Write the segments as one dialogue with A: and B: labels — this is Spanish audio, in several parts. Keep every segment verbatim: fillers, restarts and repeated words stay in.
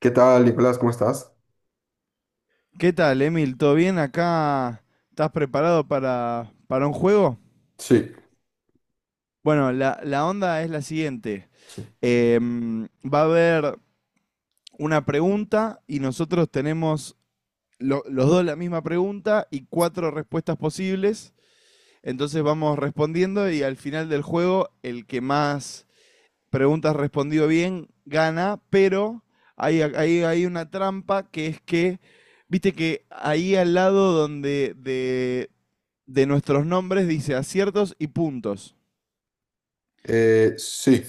A: ¿Qué tal, Nicolás? ¿Cómo estás?
B: ¿Qué tal, Emil? ¿Todo bien acá? ¿Estás preparado para, para un juego?
A: Sí,
B: Bueno, la, la onda es la siguiente.
A: sí.
B: Em, va a haber una pregunta y nosotros tenemos lo- los dos la misma pregunta y cuatro respuestas posibles. Entonces vamos respondiendo y al final del juego el que más preguntas respondido bien, gana, pero hay, hay, hay una trampa, que es que, viste que ahí al lado donde de, de nuestros nombres dice aciertos y puntos.
A: Eh, sí.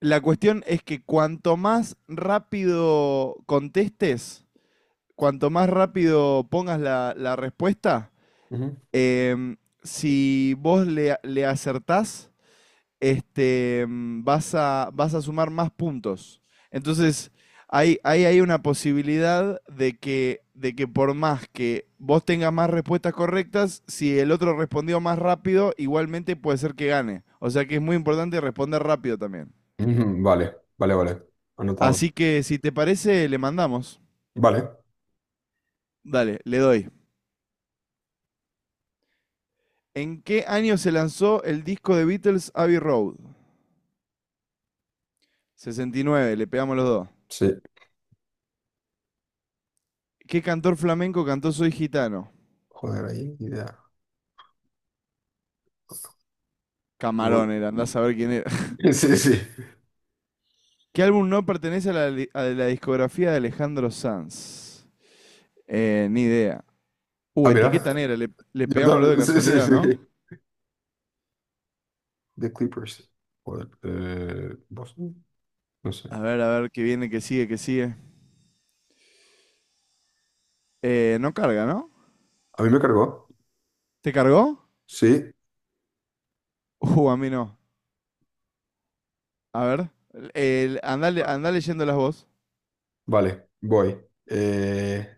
B: La cuestión es que cuanto más rápido contestes, cuanto más rápido pongas la, la respuesta,
A: Ujú.
B: em, si vos le, le acertás, este, mm, vas a, vas a sumar más puntos. Entonces, hay, hay hay una posibilidad de que, de que por más que vos tengas más respuestas correctas, si el otro respondió más rápido, igualmente puede ser que gane. O sea que es muy importante responder rápido también.
A: Ujú, vale, vale, vale. Anotado.
B: Así que si te parece, le mandamos.
A: Vale,
B: Dale, le doy. ¿En qué año se lanzó el disco de Beatles Abbey Road? Sesenta y nueve. Le pegamos los dos.
A: sí.
B: ¿Qué cantor flamenco cantó Soy Gitano?
A: Joder, ahí, ni idea. Gol.
B: Camarón era, andás a ver quién era.
A: Sí, sí.
B: ¿Qué álbum no pertenece a la, li- a la discografía de Alejandro Sanz? Eh, ni idea. Uh,
A: Ah, mira.
B: etiqueta Negra, le, le
A: Yo
B: pegamos lo de
A: también. Sí, sí,
B: casualidad, ¿no?
A: sí. The Clippers. Joder. Eh, Boston. No sé.
B: A ver, a ver, qué viene, qué sigue, qué sigue. Eh, no carga, ¿no?
A: ¿A mí me cargó?
B: ¿Te cargó?
A: Sí.
B: Uh, a mí no. A ver, el, andá, le- andá leyendo las voz.
A: Vale, voy. Eh,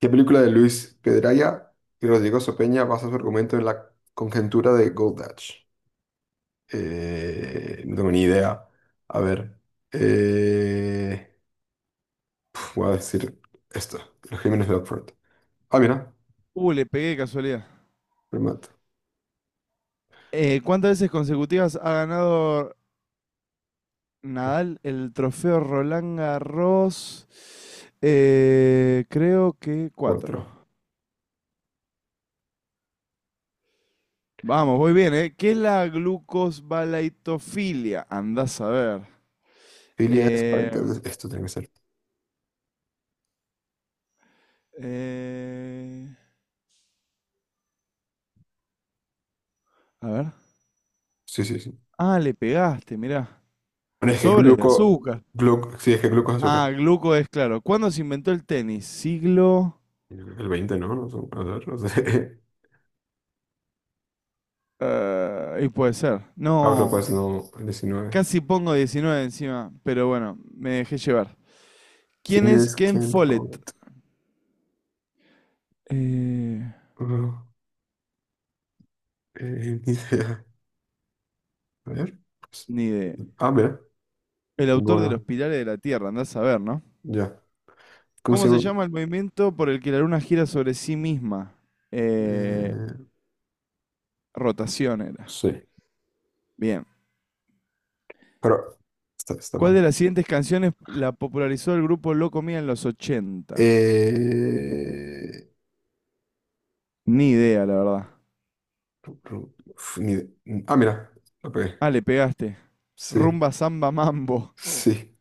A: ¿Qué película de Luis Pedraya y Rodrigo Sopeña basa su argumento en la conjetura de Goldach? Eh, no tengo ni idea. A ver. eh, Voy a decir esto. Los Crímenes de Oxford. Ah, mira.
B: Uh, le pegué de casualidad.
A: Primato.
B: Eh, ¿cuántas veces consecutivas ha ganado Nadal el trofeo Roland Garros? Eh, creo que cuatro.
A: Cuatro.
B: Vamos, voy bien, ¿eh? ¿Qué es la glucosbalaitofilia? Andás a ver.
A: Filia es.
B: Em,
A: Esto tiene que ser.
B: eh, a ver.
A: Sí, sí, sí.
B: Ah, le pegaste, mirá.
A: Bueno, es que
B: Sobres de
A: gluco...
B: azúcar.
A: gluco sí, es que gluco es azúcar.
B: Ah, gluco es claro. ¿Cuándo se inventó el tenis? Siglo,
A: Yo creo que el veinte, ¿no? No, son- a ver, no sé.
B: eh, y puede ser.
A: Pablo, pues
B: No,
A: no. El diecinueve.
B: casi pongo diecinueve encima, pero bueno, me dejé llevar. ¿Quién
A: ¿Quién
B: es
A: es
B: Ken
A: Ken
B: Follett?
A: Follett?
B: Eh,
A: Ah, eh, ni idea. A ver. Pues,
B: Ni idea.
A: ah, mira.
B: El autor de Los
A: Bueno,
B: Pilares de la Tierra, andás a ver, ¿no?
A: ya. ¿Cómo
B: ¿Cómo
A: se
B: se
A: llama?
B: llama el movimiento por el que la luna gira sobre sí misma? Eh,
A: Eh,
B: Rotación era.
A: sí.
B: Bien.
A: Pero está, está
B: ¿Cuál de
A: mal.
B: las siguientes canciones la popularizó el grupo Loco Mía en los ochenta?
A: Eh,
B: Ni idea, la verdad.
A: ru- ru- uf, ni- ah, mira, la pegué.
B: Ah, le pegaste.
A: Sí,
B: Rumba Samba Mambo.
A: sí,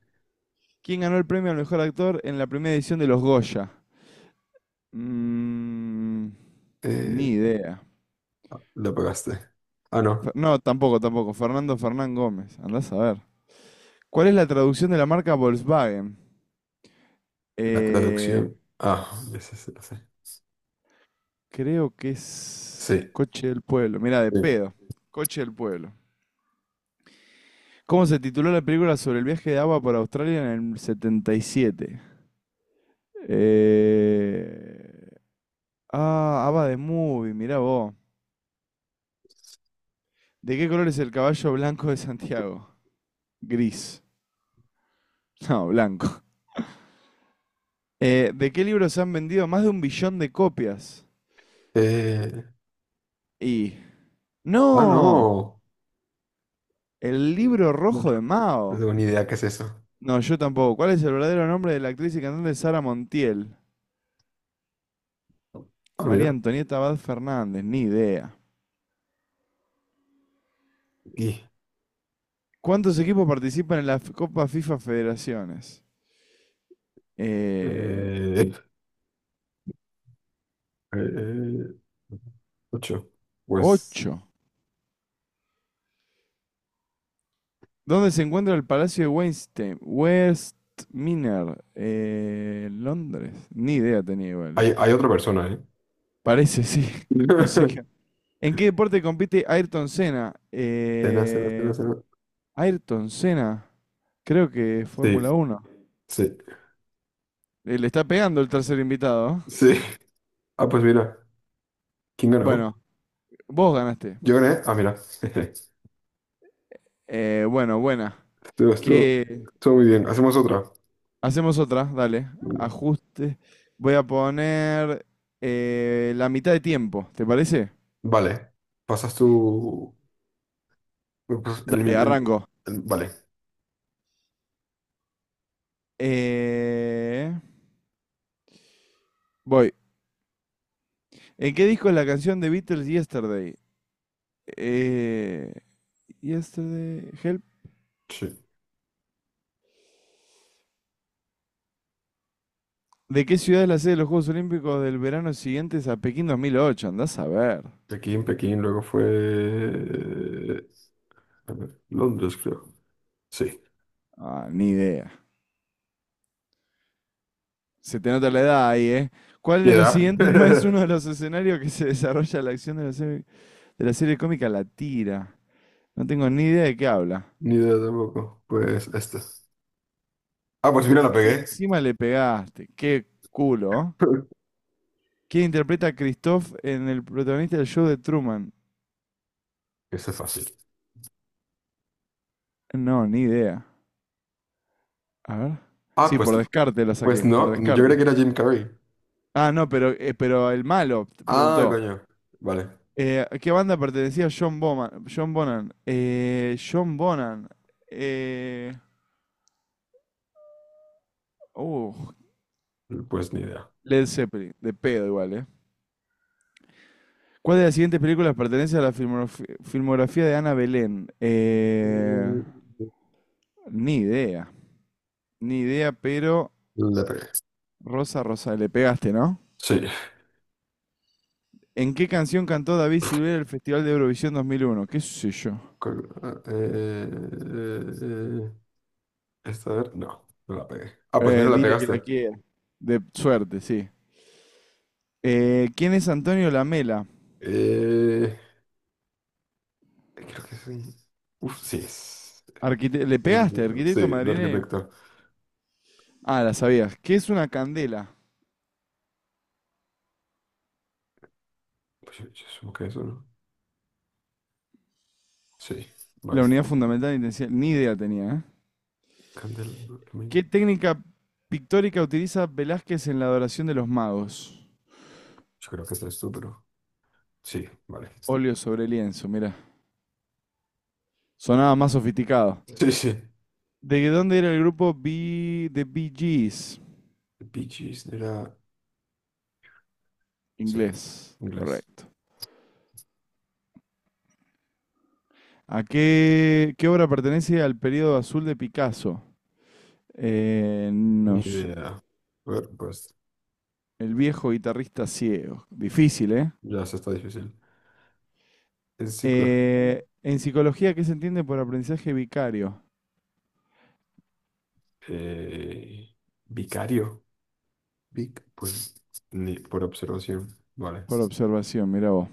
B: ¿Quién ganó el premio al mejor actor en la primera edición de los Goya? Mm, Ni
A: eh,
B: idea.
A: la pegaste. Ah,
B: Fe-
A: no,
B: No, tampoco, tampoco. Fernando Fernán Gómez. Andás a ver. ¿Cuál es la traducción de la marca Volkswagen?
A: la
B: Eh,
A: traducción. Ah, ya sé, sí, lo sé.
B: Creo que es
A: Sí,
B: Coche del Pueblo. Mira, de
A: sí.
B: pedo. Coche del Pueblo. ¿Cómo se tituló la película sobre el viaje de Ava por Australia en el setenta y siete? Eh... Ah, Ava de Movie, mirá vos. ¿De qué color es el caballo blanco de Santiago? Gris. No, blanco. Eh, ¿de qué libros han vendido más de un billón de copias?
A: Eh,
B: Y...
A: ah,
B: ¡No!
A: no.
B: El libro
A: No
B: rojo de
A: no
B: Mao.
A: tengo ni idea qué es eso.
B: No, yo tampoco. ¿Cuál es el verdadero nombre de la actriz y cantante Sara Montiel?
A: Ah,
B: María
A: mira,
B: Antonieta Abad Fernández, ni idea.
A: aquí.
B: ¿Cuántos equipos participan en la Copa FIFA Federaciones? Eh,
A: Eh, eh, ocho. Pues
B: Ocho. ¿Dónde se encuentra el Palacio de Westminster? Westminster, eh, Londres. Ni idea tenía igual, eh.
A: hay, hay otra persona, ¿eh?
B: Parece, sí. No sé qué. ¿En qué deporte compite Ayrton Senna?
A: Cena, cena, cena,
B: Eh,
A: cena.
B: Ayrton Senna. Creo que
A: Sí,
B: Fórmula Uno.
A: sí,
B: Eh, Le está pegando el tercer invitado.
A: sí. Ah, pues mira. ¿Quién ganó?
B: Bueno, vos ganaste.
A: Yo gané. Ah, mira.
B: Eh, bueno, buena.
A: Estuvo, estuvo-
B: Que
A: estuvo muy bien. Hacemos otra.
B: hacemos otra, dale.
A: Bueno,
B: Ajuste. Voy a poner eh, la mitad de tiempo, ¿te parece?
A: vale. Pasas tú. Eh, pues, el-
B: Dale,
A: el-
B: arranco.
A: el- vale.
B: Eh, Voy. ¿En qué disco es la canción de Beatles Yesterday? Eh, Yesterday, Help.
A: Sí.
B: ¿De qué ciudad es la sede de los Juegos Olímpicos del verano siguientes a Pekín dos mil ocho? Andás a ver.
A: Pekín, Pekín, luego fue. A ver, Londres, creo. Sí.
B: Ah, ni idea. Se te nota la edad ahí, ¿eh? ¿Cuál
A: ¿Qué
B: de los
A: edad?
B: siguientes no es uno de los escenarios que se desarrolla la acción de la serie? de la serie cómica La Tira? No tengo ni idea de qué habla.
A: Ni idea tampoco. Pues esta. Ah, pues mira, la
B: Y
A: pegué.
B: encima le pegaste. Qué culo, ¿eh? ¿Quién interpreta a Christoph, en el protagonista del show de Truman?
A: Eso es fácil.
B: No, ni idea. A ver.
A: Ah,
B: Sí,
A: pues,
B: por descarte la
A: pues
B: saqué, por
A: no. Yo creía
B: descarte.
A: que era Jim Carrey.
B: Ah, no, pero, eh, pero el malo
A: Ah,
B: preguntó.
A: coño. Vale.
B: Eh, ¿a qué banda pertenecía John Boman? John Bonan. Eh, John Bonan. Eh, uh,
A: Pues ni idea.
B: Led Zeppelin. De pedo igual, ¿eh? ¿Cuál de las siguientes películas pertenece a la filmografi- filmografía de Ana Belén? Eh, ni idea. Ni idea, pero
A: Eh, La pegué.
B: Rosa Rosa, le pegaste, ¿no?
A: Sí.
B: ¿En qué canción cantó David Silvera en el Festival de Eurovisión dos mil uno? ¿Qué sé yo?
A: Col- ah, eh, eh, eh, esta, a ver, no, no la pegué. Ah, pues mira,
B: Eh,
A: la
B: dile que la
A: pegaste.
B: quiera. De suerte, sí. Eh, ¿quién es Antonio Lamela?
A: Eh, Creo que sí. Uf, sí, es
B: Arquite- ¿Le
A: un
B: pegaste,
A: arquitecto. Sí,
B: arquitecto
A: un
B: madrileño?
A: arquitecto.
B: Ah, la sabías. ¿Qué es una candela?
A: Pues yo, yo supongo que eso, ¿no? Sí,
B: La
A: vale.
B: unidad fundamental de intensidad. Ni idea tenía, ¿eh?
A: Candel, Dormi.
B: ¿Qué técnica pictórica utiliza Velázquez en la adoración de los magos?
A: Yo creo que este es tú, pero sí, vale.
B: Óleo sobre lienzo, mira. Sonaba más sofisticado.
A: Sí, sí.
B: ¿De dónde era el grupo B de Bee Gees?
A: Bee Gees era, sí,
B: Inglés,
A: inglés.
B: correcto. ¿A qué, qué obra pertenece al periodo azul de Picasso? Eh,
A: Ni
B: no sé.
A: idea. A ver, pues
B: El viejo guitarrista ciego. Difícil, ¿eh?
A: ya se está difícil. Es psicología.
B: Eh, En psicología, ¿qué se entiende por aprendizaje vicario?
A: Eh, vicario. Vic, pues ni por observación, vale.
B: Por observación, mira vos.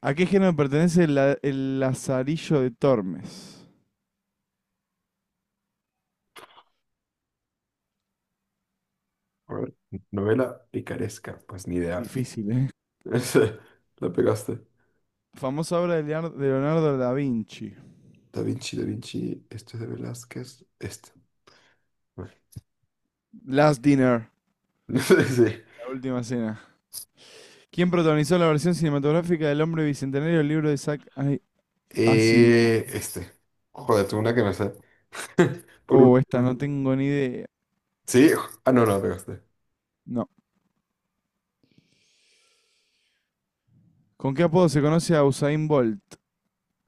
B: ¿A qué género pertenece la- el Lazarillo de Tormes?
A: A ver, novela picaresca, pues ni idea.
B: Difícil, ¿eh?
A: Ese, la pegaste.
B: Famosa obra de Leonardo, de Leonardo da Vinci.
A: Da Vinci, Da Vinci, este es de Velázquez, este. Bueno.
B: Last Dinner,
A: Sí.
B: la última cena. ¿Quién protagonizó la versión cinematográfica del Hombre Bicentenario del libro de Isaac Ay- Asimov?
A: Eh, este. Joder, tengo una que me sé. Por una.
B: Oh,
A: Que
B: esta
A: me sé.
B: no tengo ni idea.
A: Sí, ah, no, no, la pegaste.
B: No. ¿Con qué apodo se conoce a Usain Bolt?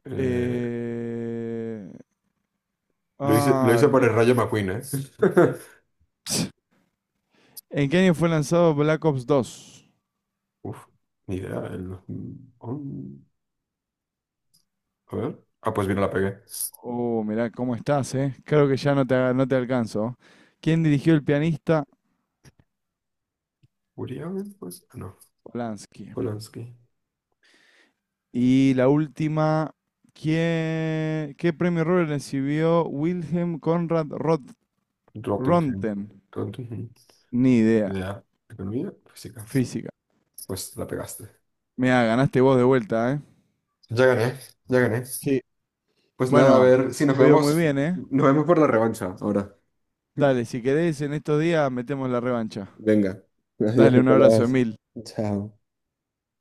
A: Eh,
B: Eh...
A: lo hice, lo
B: Ah,
A: hice por el
B: like-
A: Rayo McQueen, ¿eh?
B: ¿En qué año fue lanzado Black Ops dos?
A: Uf, ni idea. el- on- A ver. Ah, pues bien, la pegué.
B: Oh, mirá cómo estás, ¿eh? Creo que ya no te, aga- no te alcanzo. ¿Quién dirigió el pianista?
A: Urián, pues. Ah, no,
B: Polanski.
A: Polanski.
B: Y la última, ¿quién, qué premio Nobel recibió Wilhelm Conrad Roth-
A: Rottenheim.
B: Röntgen?
A: Rottenheim.
B: Ni idea.
A: Ya. Economía, física. Pues sí,
B: Física.
A: claro. Pues la pegaste.
B: Mirá, ganaste vos de vuelta, ¿eh?
A: Ya gané, ya gané.
B: Sí.
A: Pues nada, a
B: Bueno,
A: ver si nos
B: te veo muy
A: vemos.
B: bien, ¿eh?
A: Nos vemos por la revancha ahora.
B: Dale, si querés, en estos días metemos la revancha.
A: Venga. Adiós,
B: Dale, un abrazo,
A: Nicolás.
B: Emil.
A: Chao.